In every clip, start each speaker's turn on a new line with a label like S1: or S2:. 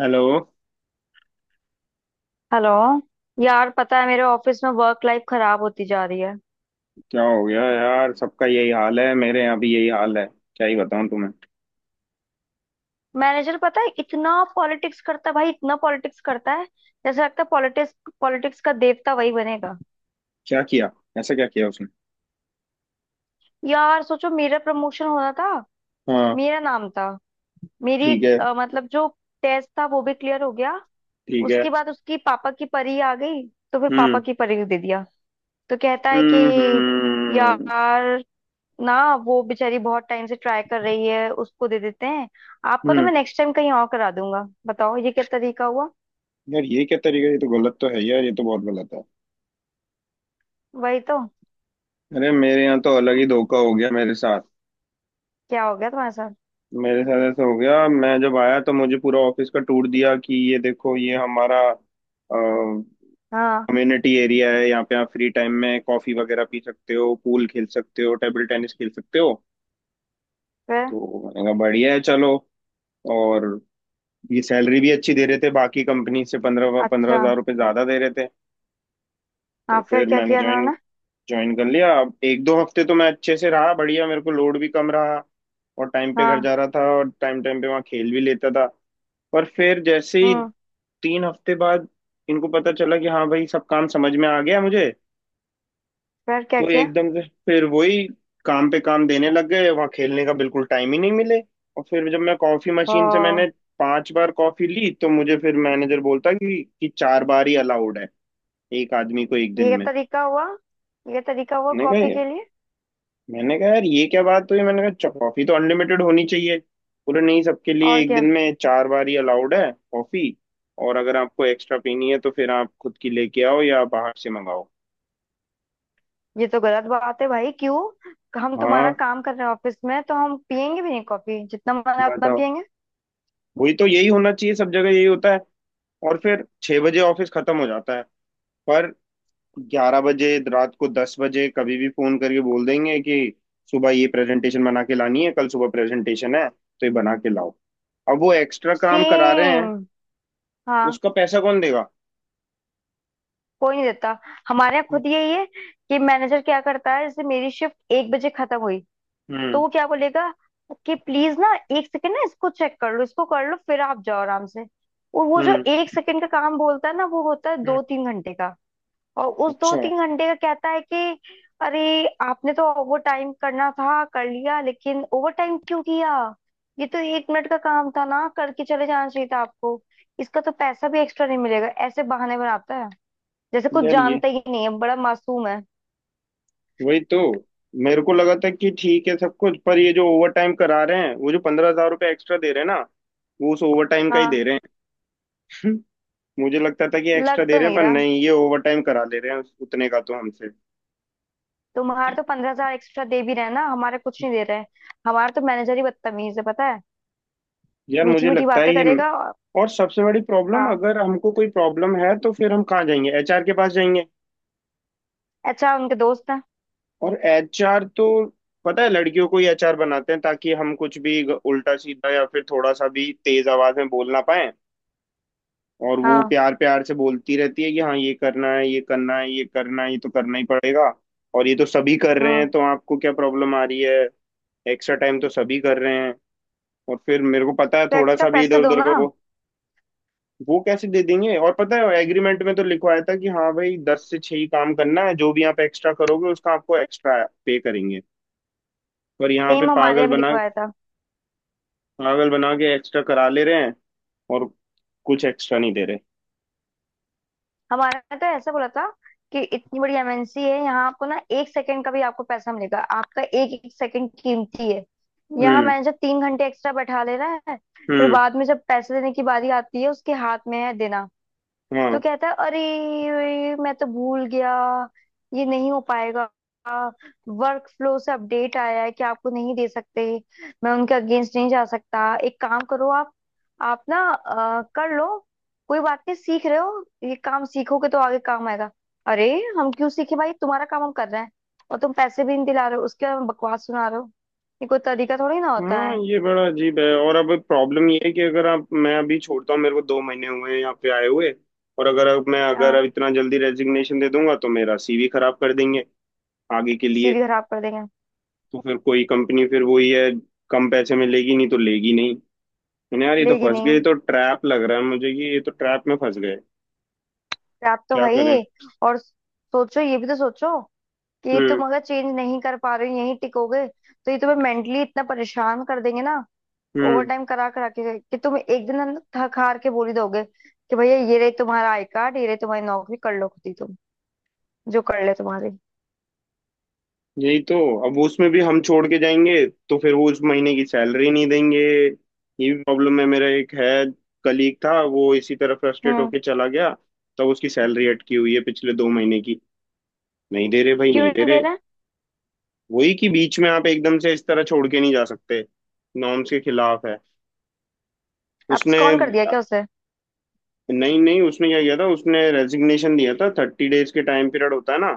S1: Hello.
S2: Hello. यार, पता है मेरे ऑफिस में वर्क लाइफ खराब होती जा रही है।
S1: क्या हो गया यार? सबका यही हाल है। मेरे यहाँ भी यही हाल है। क्या ही बताऊं तुम्हें।
S2: मैनेजर, पता है, इतना पॉलिटिक्स करता है भाई, इतना पॉलिटिक्स करता है। जैसे लगता है पॉलिटिक्स पॉलिटिक्स का देवता वही बनेगा।
S1: क्या किया? ऐसा क्या किया उसने?
S2: यार सोचो, मेरा प्रमोशन होना था।
S1: हाँ।
S2: मेरा नाम था, मेरी
S1: ठीक है।
S2: मतलब जो टेस्ट था वो भी क्लियर हो गया।
S1: ठीक है।
S2: उसके बाद उसकी पापा की परी आ गई, तो फिर
S1: हम्म।
S2: पापा की परी को दे दिया। तो कहता है
S1: हम्म।
S2: कि
S1: हम्म।
S2: यार ना, वो बेचारी बहुत टाइम से ट्राई कर रही है, उसको दे देते हैं। आपका तो मैं
S1: हम्म।
S2: नेक्स्ट टाइम कहीं और करा दूंगा। बताओ ये क्या तरीका हुआ।
S1: यार ये क्या तरीका है? ये तो गलत तो है यार, ये तो बहुत गलत है।
S2: वही तो।
S1: अरे मेरे यहाँ तो अलग ही
S2: हम्म,
S1: धोखा हो गया मेरे साथ।
S2: क्या हो गया तुम्हारे साथ।
S1: मेरे साथ ऐसा हो गया, मैं जब आया तो मुझे पूरा ऑफिस का टूर दिया कि ये देखो, ये हमारा कम्युनिटी
S2: हाँ
S1: एरिया है, यहाँ पे आप फ्री टाइम में कॉफी वगैरह पी सकते हो, पूल खेल सकते हो, टेबल टेनिस खेल सकते हो।
S2: फिर।
S1: तो मैंने कहा बढ़िया है चलो। और ये सैलरी भी अच्छी दे रहे थे, बाकी कंपनी से पंद्रह पंद्रह
S2: अच्छा।
S1: हजार रुपये ज्यादा दे रहे थे। तो
S2: हाँ फिर
S1: फिर
S2: क्या
S1: मैंने
S2: किया
S1: ज्वाइन
S2: इन्होंने।
S1: ज्वाइन कर लिया। अब एक दो हफ्ते तो मैं अच्छे से रहा, बढ़िया, मेरे को लोड भी कम रहा। और टाइम पे घर
S2: हाँ।
S1: जा रहा था, और टाइम टाइम पे वहाँ खेल भी लेता था। पर फिर जैसे ही
S2: हम्म।
S1: 3 हफ्ते बाद इनको पता चला कि हाँ भाई, सब काम समझ में आ गया मुझे।
S2: फिर क्या
S1: तो
S2: किया।
S1: एकदम से फिर वही काम पे काम देने लग गए, वहां खेलने का बिल्कुल टाइम ही नहीं मिले। और फिर जब मैं कॉफी
S2: ओ,
S1: मशीन से मैंने 5 बार कॉफी ली तो मुझे फिर मैनेजर बोलता कि 4 बार ही अलाउड है एक आदमी को एक
S2: ये
S1: दिन
S2: क्या
S1: में।
S2: तरीका हुआ। ये क्या तरीका हुआ
S1: मैंने
S2: कॉपी
S1: कहा,
S2: के लिए।
S1: मैंने कहा यार ये क्या बात हुई, मैंने कहा, कॉफी तो अनलिमिटेड होनी चाहिए।" बोले नहीं, सबके लिए
S2: और
S1: एक
S2: क्या।
S1: दिन में 4 बार ही अलाउड है कॉफी। और अगर आपको एक्स्ट्रा पीनी है तो फिर आप खुद की लेके आओ या बाहर से मंगाओ।
S2: ये तो गलत बात है भाई। क्यों? हम तुम्हारा
S1: हाँ।
S2: काम कर रहे हैं ऑफिस में, तो हम पियेंगे भी नहीं कॉफी? जितना मन है उतना
S1: बताओ।
S2: पियेंगे।
S1: वही तो, यही होना चाहिए, सब जगह यही होता है। और फिर 6 बजे ऑफिस खत्म हो जाता है, पर 11 बजे रात को, 10 बजे, कभी भी फोन करके बोल देंगे कि सुबह ये प्रेजेंटेशन बना के लानी है, कल सुबह प्रेजेंटेशन है तो ये बना के लाओ। अब वो एक्स्ट्रा काम करा रहे हैं,
S2: सेम। हाँ।
S1: उसका पैसा कौन देगा?
S2: कोई नहीं देता। हमारे यहाँ खुद यही है कि मैनेजर क्या करता है, जैसे मेरी शिफ्ट 1 बजे खत्म हुई, तो
S1: हम्म।
S2: वो क्या बोलेगा कि प्लीज ना, 1 सेकंड ना इसको चेक कर लो, इसको कर लो, फिर आप जाओ आराम से। और वो जो
S1: हम्म।
S2: 1 सेकंड का काम बोलता है ना, वो होता है
S1: हम्म।
S2: 2-3 घंटे का। और उस दो
S1: अच्छा।
S2: तीन घंटे का कहता है कि अरे, आपने तो ओवर टाइम करना था, कर लिया, लेकिन ओवर टाइम क्यों किया? ये तो 1 मिनट का काम था ना, करके चले जाना चाहिए था आपको। इसका तो पैसा भी एक्स्ट्रा नहीं मिलेगा। ऐसे बहाने बनाता है जैसे कुछ
S1: यार ये,
S2: जानता ही नहीं है, बड़ा मासूम है।
S1: वही तो। मेरे को लगा था कि ठीक है सब कुछ, पर ये जो ओवर टाइम करा रहे हैं, वो जो 15,000 रुपये एक्स्ट्रा दे रहे हैं ना, वो उस ओवर टाइम का ही
S2: हाँ,
S1: दे रहे हैं। मुझे लगता था कि
S2: लग
S1: एक्स्ट्रा दे
S2: तो
S1: रहे हैं,
S2: नहीं
S1: पर
S2: रहा।
S1: नहीं, ये ओवर टाइम करा ले रहे हैं, उतने का तो हमसे।
S2: तुम्हारे तो 15,000 एक्स्ट्रा दे भी रहे हैं ना, हमारे कुछ नहीं दे रहे हैं। हमारे तो मैनेजर ही बदतमीज है, पता है?
S1: यार
S2: मीठी
S1: मुझे
S2: मीठी
S1: लगता
S2: बातें
S1: है ये,
S2: करेगा और-।
S1: और सबसे बड़ी प्रॉब्लम,
S2: हाँ।
S1: अगर हमको कोई प्रॉब्लम है तो फिर हम कहाँ जाएंगे? एचआर के पास जाएंगे।
S2: अच्छा, उनके दोस्त हैं।
S1: और एचआर तो, पता है, लड़कियों को ही एचआर बनाते हैं ताकि हम कुछ भी उल्टा सीधा या फिर थोड़ा सा भी तेज आवाज में बोल ना पाए। और वो
S2: हाँ।
S1: प्यार प्यार से बोलती रहती है कि हाँ, ये करना है, ये करना है, ये करना है, ये तो करना ही पड़ेगा, और ये तो सभी कर रहे
S2: हम्म।
S1: हैं, तो आपको क्या प्रॉब्लम आ रही है? एक्स्ट्रा टाइम तो सभी कर रहे हैं। और फिर मेरे को पता है,
S2: तो
S1: थोड़ा
S2: एक्स्ट्रा
S1: सा भी
S2: पैसे
S1: इधर
S2: दो
S1: उधर का
S2: ना।
S1: वो कैसे दे देंगे। और पता है एग्रीमेंट में तो लिखवाया था कि हाँ भाई, 10 से 6 ही काम करना है, जो भी आप एक्स्ट्रा करोगे उसका आपको एक्स्ट्रा पे करेंगे। पर यहाँ पे
S2: सेम, हमारे
S1: पागल
S2: यहाँ भी
S1: बना,
S2: लिखवाया था।
S1: पागल बना के एक्स्ट्रा करा ले रहे हैं, और कुछ एक्स्ट्रा नहीं दे रहे।
S2: हमारा तो ऐसा बोला था कि इतनी बड़ी MNC है, यहाँ आपको ना 1 सेकंड का भी आपको पैसा मिलेगा, आपका एक एक सेकंड कीमती है। यहाँ
S1: हम्म।
S2: मैनेजर 3 घंटे एक्स्ट्रा बैठा ले रहा है। फिर
S1: हम्म।
S2: बाद में जब पैसे देने की बारी आती है, उसके हाथ में है देना,
S1: हम्म।
S2: तो
S1: हाँ।
S2: कहता है अरे मैं तो भूल गया, ये नहीं हो पाएगा, वर्क फ्लो से अपडेट आया है कि आपको नहीं दे सकते, मैं उनके अगेंस्ट नहीं जा सकता। एक काम करो आप ना कर लो, कोई बात नहीं, सीख रहे हो, ये काम सीखोगे तो आगे काम आएगा। अरे, हम क्यों सीखे भाई, तुम्हारा काम हम कर रहे हैं। और तुम पैसे भी नहीं दिला रहे हो, उसके बाद बकवास सुना रहे हो। ये कोई तरीका थोड़ी ना होता
S1: हाँ
S2: है।
S1: ये बड़ा अजीब है। और अब प्रॉब्लम ये है कि अगर आप मैं अभी छोड़ता हूँ, मेरे को 2 महीने हुए हैं यहाँ पे आए हुए। और अगर अब
S2: हाँ,
S1: इतना जल्दी रेजिग्नेशन दे दूंगा तो मेरा सीवी खराब कर देंगे आगे के लिए।
S2: CV खराब कर देंगे।
S1: तो फिर कोई कंपनी, फिर वही है, कम पैसे में लेगी नहीं तो लेगी नहीं। मैंने, यार ये तो
S2: लेगी
S1: फंस गए, ये
S2: नहीं।
S1: तो ट्रैप लग रहा है मुझे कि ये तो ट्रैप में फंस गए।
S2: आप तो
S1: क्या
S2: है
S1: करें।
S2: ही। और सोचो, ये भी तो सोचो कि ये तुम
S1: हम्म।
S2: अगर चेंज नहीं कर पा रहे हो, यहीं टिकोगे, तो ये तुम्हें मेंटली इतना परेशान कर देंगे ना, ओवर
S1: हम्म।
S2: टाइम करा करा के, कि तुम एक दिन अंदर थक हार के बोल ही दोगे कि भैया, ये रही तुम्हारा आई कार्ड, ये रही तुम्हारी नौकरी, कर लो खुद ही तुम जो कर ले तुम्हारी।
S1: यही तो। अब वो, उसमें भी हम छोड़ के जाएंगे तो फिर वो उस महीने की सैलरी नहीं देंगे। ये भी प्रॉब्लम है। मेरा एक है कलीग था, वो इसी तरह फ्रस्ट्रेट
S2: हम्म।
S1: होके चला गया। तब उसकी सैलरी अटकी हुई है पिछले 2 महीने की, नहीं दे रहे भाई,
S2: क्यों
S1: नहीं दे
S2: नहीं दे
S1: रहे।
S2: रहा है?
S1: वही कि बीच में आप एकदम से इस तरह छोड़ के नहीं जा सकते, नॉर्म्स के खिलाफ है। उसने,
S2: abscond कर दिया क्या उसे?
S1: नहीं नहीं, उसने क्या किया था, उसने रेजिग्नेशन दिया था, 30 days के टाइम पीरियड होता है ना,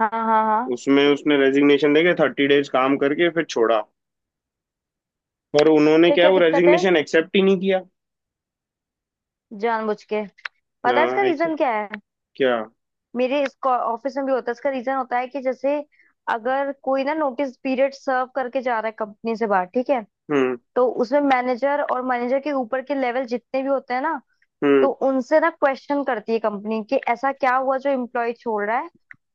S2: हाँ हाँ हाँ।
S1: उसमें उसने रेजिग्नेशन देके 30 days काम करके फिर छोड़ा। पर उन्होंने
S2: फिर
S1: क्या है,
S2: क्या
S1: वो
S2: दिक्कत है?
S1: रेजिग्नेशन एक्सेप्ट ही नहीं किया।
S2: जानबूझ के। पता है इसका
S1: हाँ एक्सेप्ट
S2: रीजन क्या है?
S1: क्या?
S2: मेरे इसको ऑफिस में भी होता है, इसका रीजन होता है कि जैसे अगर कोई ना नोटिस पीरियड सर्व करके जा रहा है कंपनी से बाहर, ठीक है,
S1: हम्म।
S2: तो उसमें मैनेजर और मैनेजर के ऊपर के लेवल जितने भी होते हैं ना,
S1: हम्म।
S2: तो उनसे ना क्वेश्चन करती है कंपनी कि ऐसा क्या हुआ जो एम्प्लॉय छोड़ रहा है।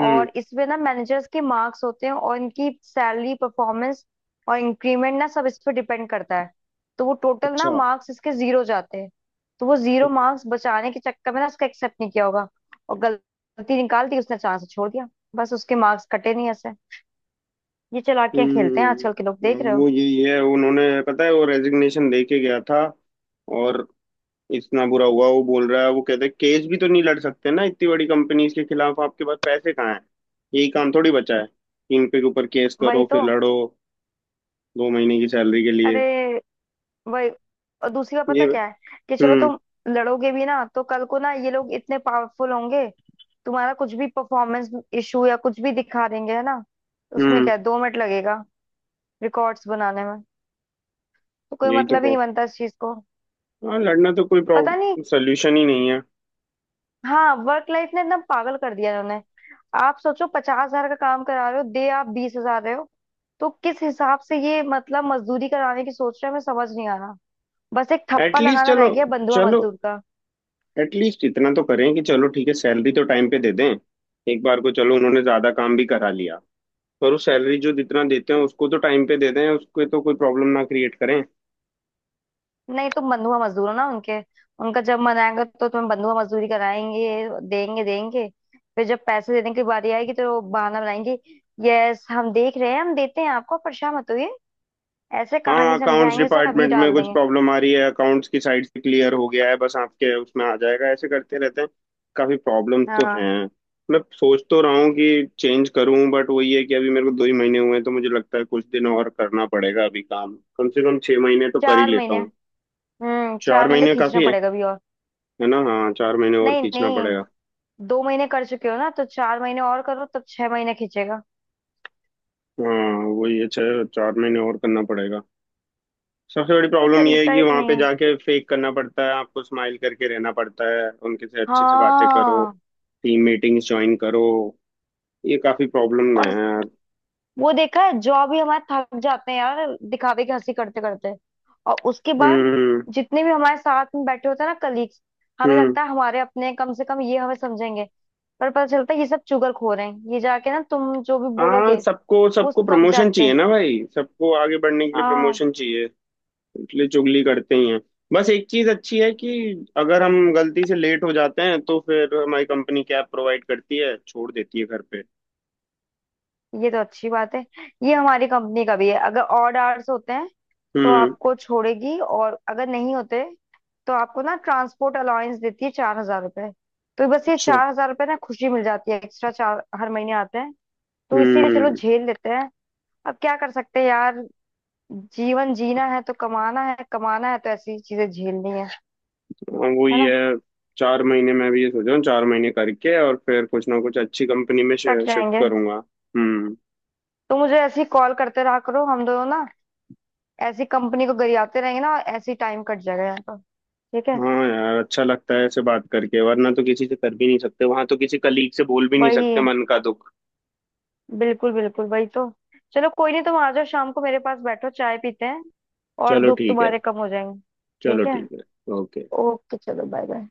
S1: हम्म।
S2: और इसमें ना मैनेजर्स के मार्क्स होते हैं, और इनकी सैलरी, परफॉर्मेंस और इंक्रीमेंट ना सब इस पर डिपेंड करता है। तो वो टोटल ना
S1: अच्छा।
S2: मार्क्स इसके जीरो जाते हैं। तो वो जीरो मार्क्स बचाने के चक्कर में ना उसका एक्सेप्ट नहीं किया होगा, और गलती निकाल दी, उसने चांस छोड़ दिया। बस, उसके मार्क्स कटे नहीं ऐसे। ये चालाकियां खेलते हैं आजकल के लोग,
S1: हम्म।
S2: देख रहे हो?
S1: वो यही है, उन्होंने, पता है, वो रेजिग्नेशन दे के गया था और इतना बुरा हुआ, वो बोल रहा है। वो कहते हैं केस भी तो नहीं लड़ सकते ना इतनी बड़ी कंपनीज के खिलाफ, आपके पास पैसे कहाँ हैं? यही काम थोड़ी बचा है, इन पे के ऊपर केस
S2: वही
S1: करो
S2: तो।
S1: फिर लड़ो 2 महीने की सैलरी के लिए।
S2: अरे, वही। और दूसरी बात
S1: ये।
S2: पता क्या है, कि चलो
S1: हम्म।
S2: तुम लड़ोगे भी ना, तो कल को ना ये लोग इतने पावरफुल होंगे, तुम्हारा कुछ भी परफॉर्मेंस इशू या कुछ भी दिखा देंगे, है ना? उसमें
S1: हम्म।
S2: क्या है, 2 मिनट लगेगा रिकॉर्ड्स बनाने में। तो कोई
S1: यही तो
S2: मतलब ही नहीं
S1: प्रॉब्लम।
S2: बनता इस चीज को।
S1: हाँ लड़ना तो कोई
S2: पता नहीं।
S1: प्रॉब्लम सोल्यूशन ही नहीं है।
S2: हाँ, वर्क लाइफ ने एकदम पागल कर दिया इन्होंने। आप सोचो 50,000 का काम करा रहे हो, दे आप 20,000 रहे हो। तो किस हिसाब से ये मतलब मजदूरी कराने की सोच रहे हैं, मैं समझ नहीं आ रहा। बस एक ठप्पा
S1: एटलीस्ट,
S2: लगाना रह
S1: चलो,
S2: गया, बंधुआ
S1: चलो
S2: मजदूर।
S1: एटलीस्ट इतना तो करें कि चलो ठीक है, सैलरी तो टाइम पे दे दें। एक बार को चलो उन्होंने ज्यादा काम भी करा लिया, पर उस सैलरी, जो जितना देते हैं, उसको तो टाइम पे दे दें, उसके तो कोई प्रॉब्लम ना क्रिएट करें।
S2: नहीं, तुम बंधुआ मजदूर हो ना उनके, उनका जब मन आएगा तो तुम्हें बंधुआ मजदूरी कराएंगे, देंगे देंगे, फिर जब पैसे देने की बारी आएगी तो वो बहाना बनाएंगे। यस, हम देख रहे हैं, हम देते हैं आपको, परेशान मत होइए। ऐसे कहानी
S1: हाँ अकाउंट्स
S2: समझाएंगे, सर अभी
S1: डिपार्टमेंट में
S2: डाल
S1: कुछ
S2: देंगे।
S1: प्रॉब्लम आ रही है, अकाउंट्स की साइड से क्लियर हो गया है, बस आपके उसमें आ जाएगा, ऐसे करते रहते हैं। काफी प्रॉब्लम तो हैं।
S2: हाँ,
S1: मैं सोच तो रहा हूँ कि चेंज करूँ, बट वही है कि अभी मेरे को 2 ही महीने हुए हैं, तो मुझे लगता है कुछ दिन और करना पड़ेगा अभी, काम कम से कम 6 महीने तो कर ही
S2: चार
S1: लेता
S2: महीने
S1: हूँ।
S2: हम्म, चार
S1: चार
S2: महीने तो
S1: महीने
S2: खींचना
S1: काफी है
S2: पड़ेगा अभी और।
S1: है ना? हाँ 4 महीने और
S2: नहीं
S1: खींचना
S2: नहीं,
S1: पड़ेगा।
S2: 2 महीने कर चुके हो ना, तो 4 महीने और करो, तब 6 महीने खींचेगा।
S1: हाँ वही है, छह, 4 महीने और करना पड़ेगा। सबसे बड़ी
S2: कोई
S1: प्रॉब्लम ये है
S2: तरीका
S1: कि
S2: ही
S1: वहां
S2: नहीं
S1: पे
S2: है।
S1: जाके फेक करना पड़ता है, आपको स्माइल करके रहना पड़ता है, उनके से अच्छे से बातें करो,
S2: हाँ।
S1: टीम मीटिंग्स ज्वाइन करो, ये काफी प्रॉब्लम है
S2: और
S1: यार।
S2: वो देखा है, जॉब ही हमारे थक जाते हैं यार, दिखावे की हंसी करते करते। और उसके बाद
S1: हम्म।
S2: जितने भी हमारे साथ में बैठे होते हैं ना कलीग्स, हमें
S1: हम्म।
S2: लगता है हमारे अपने हैं, कम से कम ये हमें समझेंगे, पर पता चलता है ये सब चुगलखोर हैं। ये जाके ना तुम जो भी
S1: हाँ,
S2: बोलोगे
S1: सबको
S2: वो
S1: सबको
S2: सब
S1: प्रमोशन
S2: जाके।
S1: चाहिए ना भाई, सबको आगे बढ़ने के लिए
S2: हाँ,
S1: प्रमोशन चाहिए, इसलिए चुगली करते ही हैं। बस एक चीज अच्छी है कि अगर हम गलती से लेट हो जाते हैं तो फिर हमारी कंपनी कैब प्रोवाइड करती है, छोड़ देती है घर पे।
S2: ये तो अच्छी बात है। ये हमारी कंपनी का भी है। अगर ऑड आवर्स होते हैं तो
S1: हम्म।
S2: आपको छोड़ेगी, और अगर नहीं होते तो आपको ना ट्रांसपोर्ट अलाउंस देती है, 4,000 रुपए। तो बस ये
S1: अच्छा।
S2: 4,000 रुपये ना खुशी मिल जाती है, एक्स्ट्रा चार हर महीने आते हैं। तो इसीलिए चलो
S1: हम्म।
S2: झेल लेते हैं। अब क्या कर सकते हैं यार। जीवन जीना है तो कमाना है, कमाना है तो ऐसी चीजें झेलनी है।
S1: हाँ, वो
S2: है
S1: ये
S2: ना?
S1: है, 4 महीने मैं भी ये सोच रहा हूँ, 4 महीने करके और फिर कुछ ना कुछ अच्छी कंपनी में
S2: कट
S1: शिफ्ट
S2: जाएंगे।
S1: करूंगा। हम्म।
S2: तो मुझे ऐसी कॉल करते रहा करो, हम दोनों ना ऐसी कंपनी को गरियाते रहेंगे ना, ऐसी टाइम कट जाएगा यहाँ पर। ठीक है।
S1: हाँ यार, अच्छा लगता है ऐसे बात करके, वरना तो किसी से कर भी नहीं सकते, वहां तो किसी कलीग से बोल भी नहीं सकते
S2: वही,
S1: मन का दुख।
S2: बिल्कुल बिल्कुल वही तो। चलो कोई नहीं, तुम आ जाओ शाम को मेरे पास, बैठो चाय पीते हैं, और
S1: चलो
S2: दुख
S1: ठीक है।
S2: तुम्हारे कम हो जाएंगे।
S1: चलो
S2: ठीक है।
S1: ठीक है। ओके।
S2: ओके। चलो बाय बाय।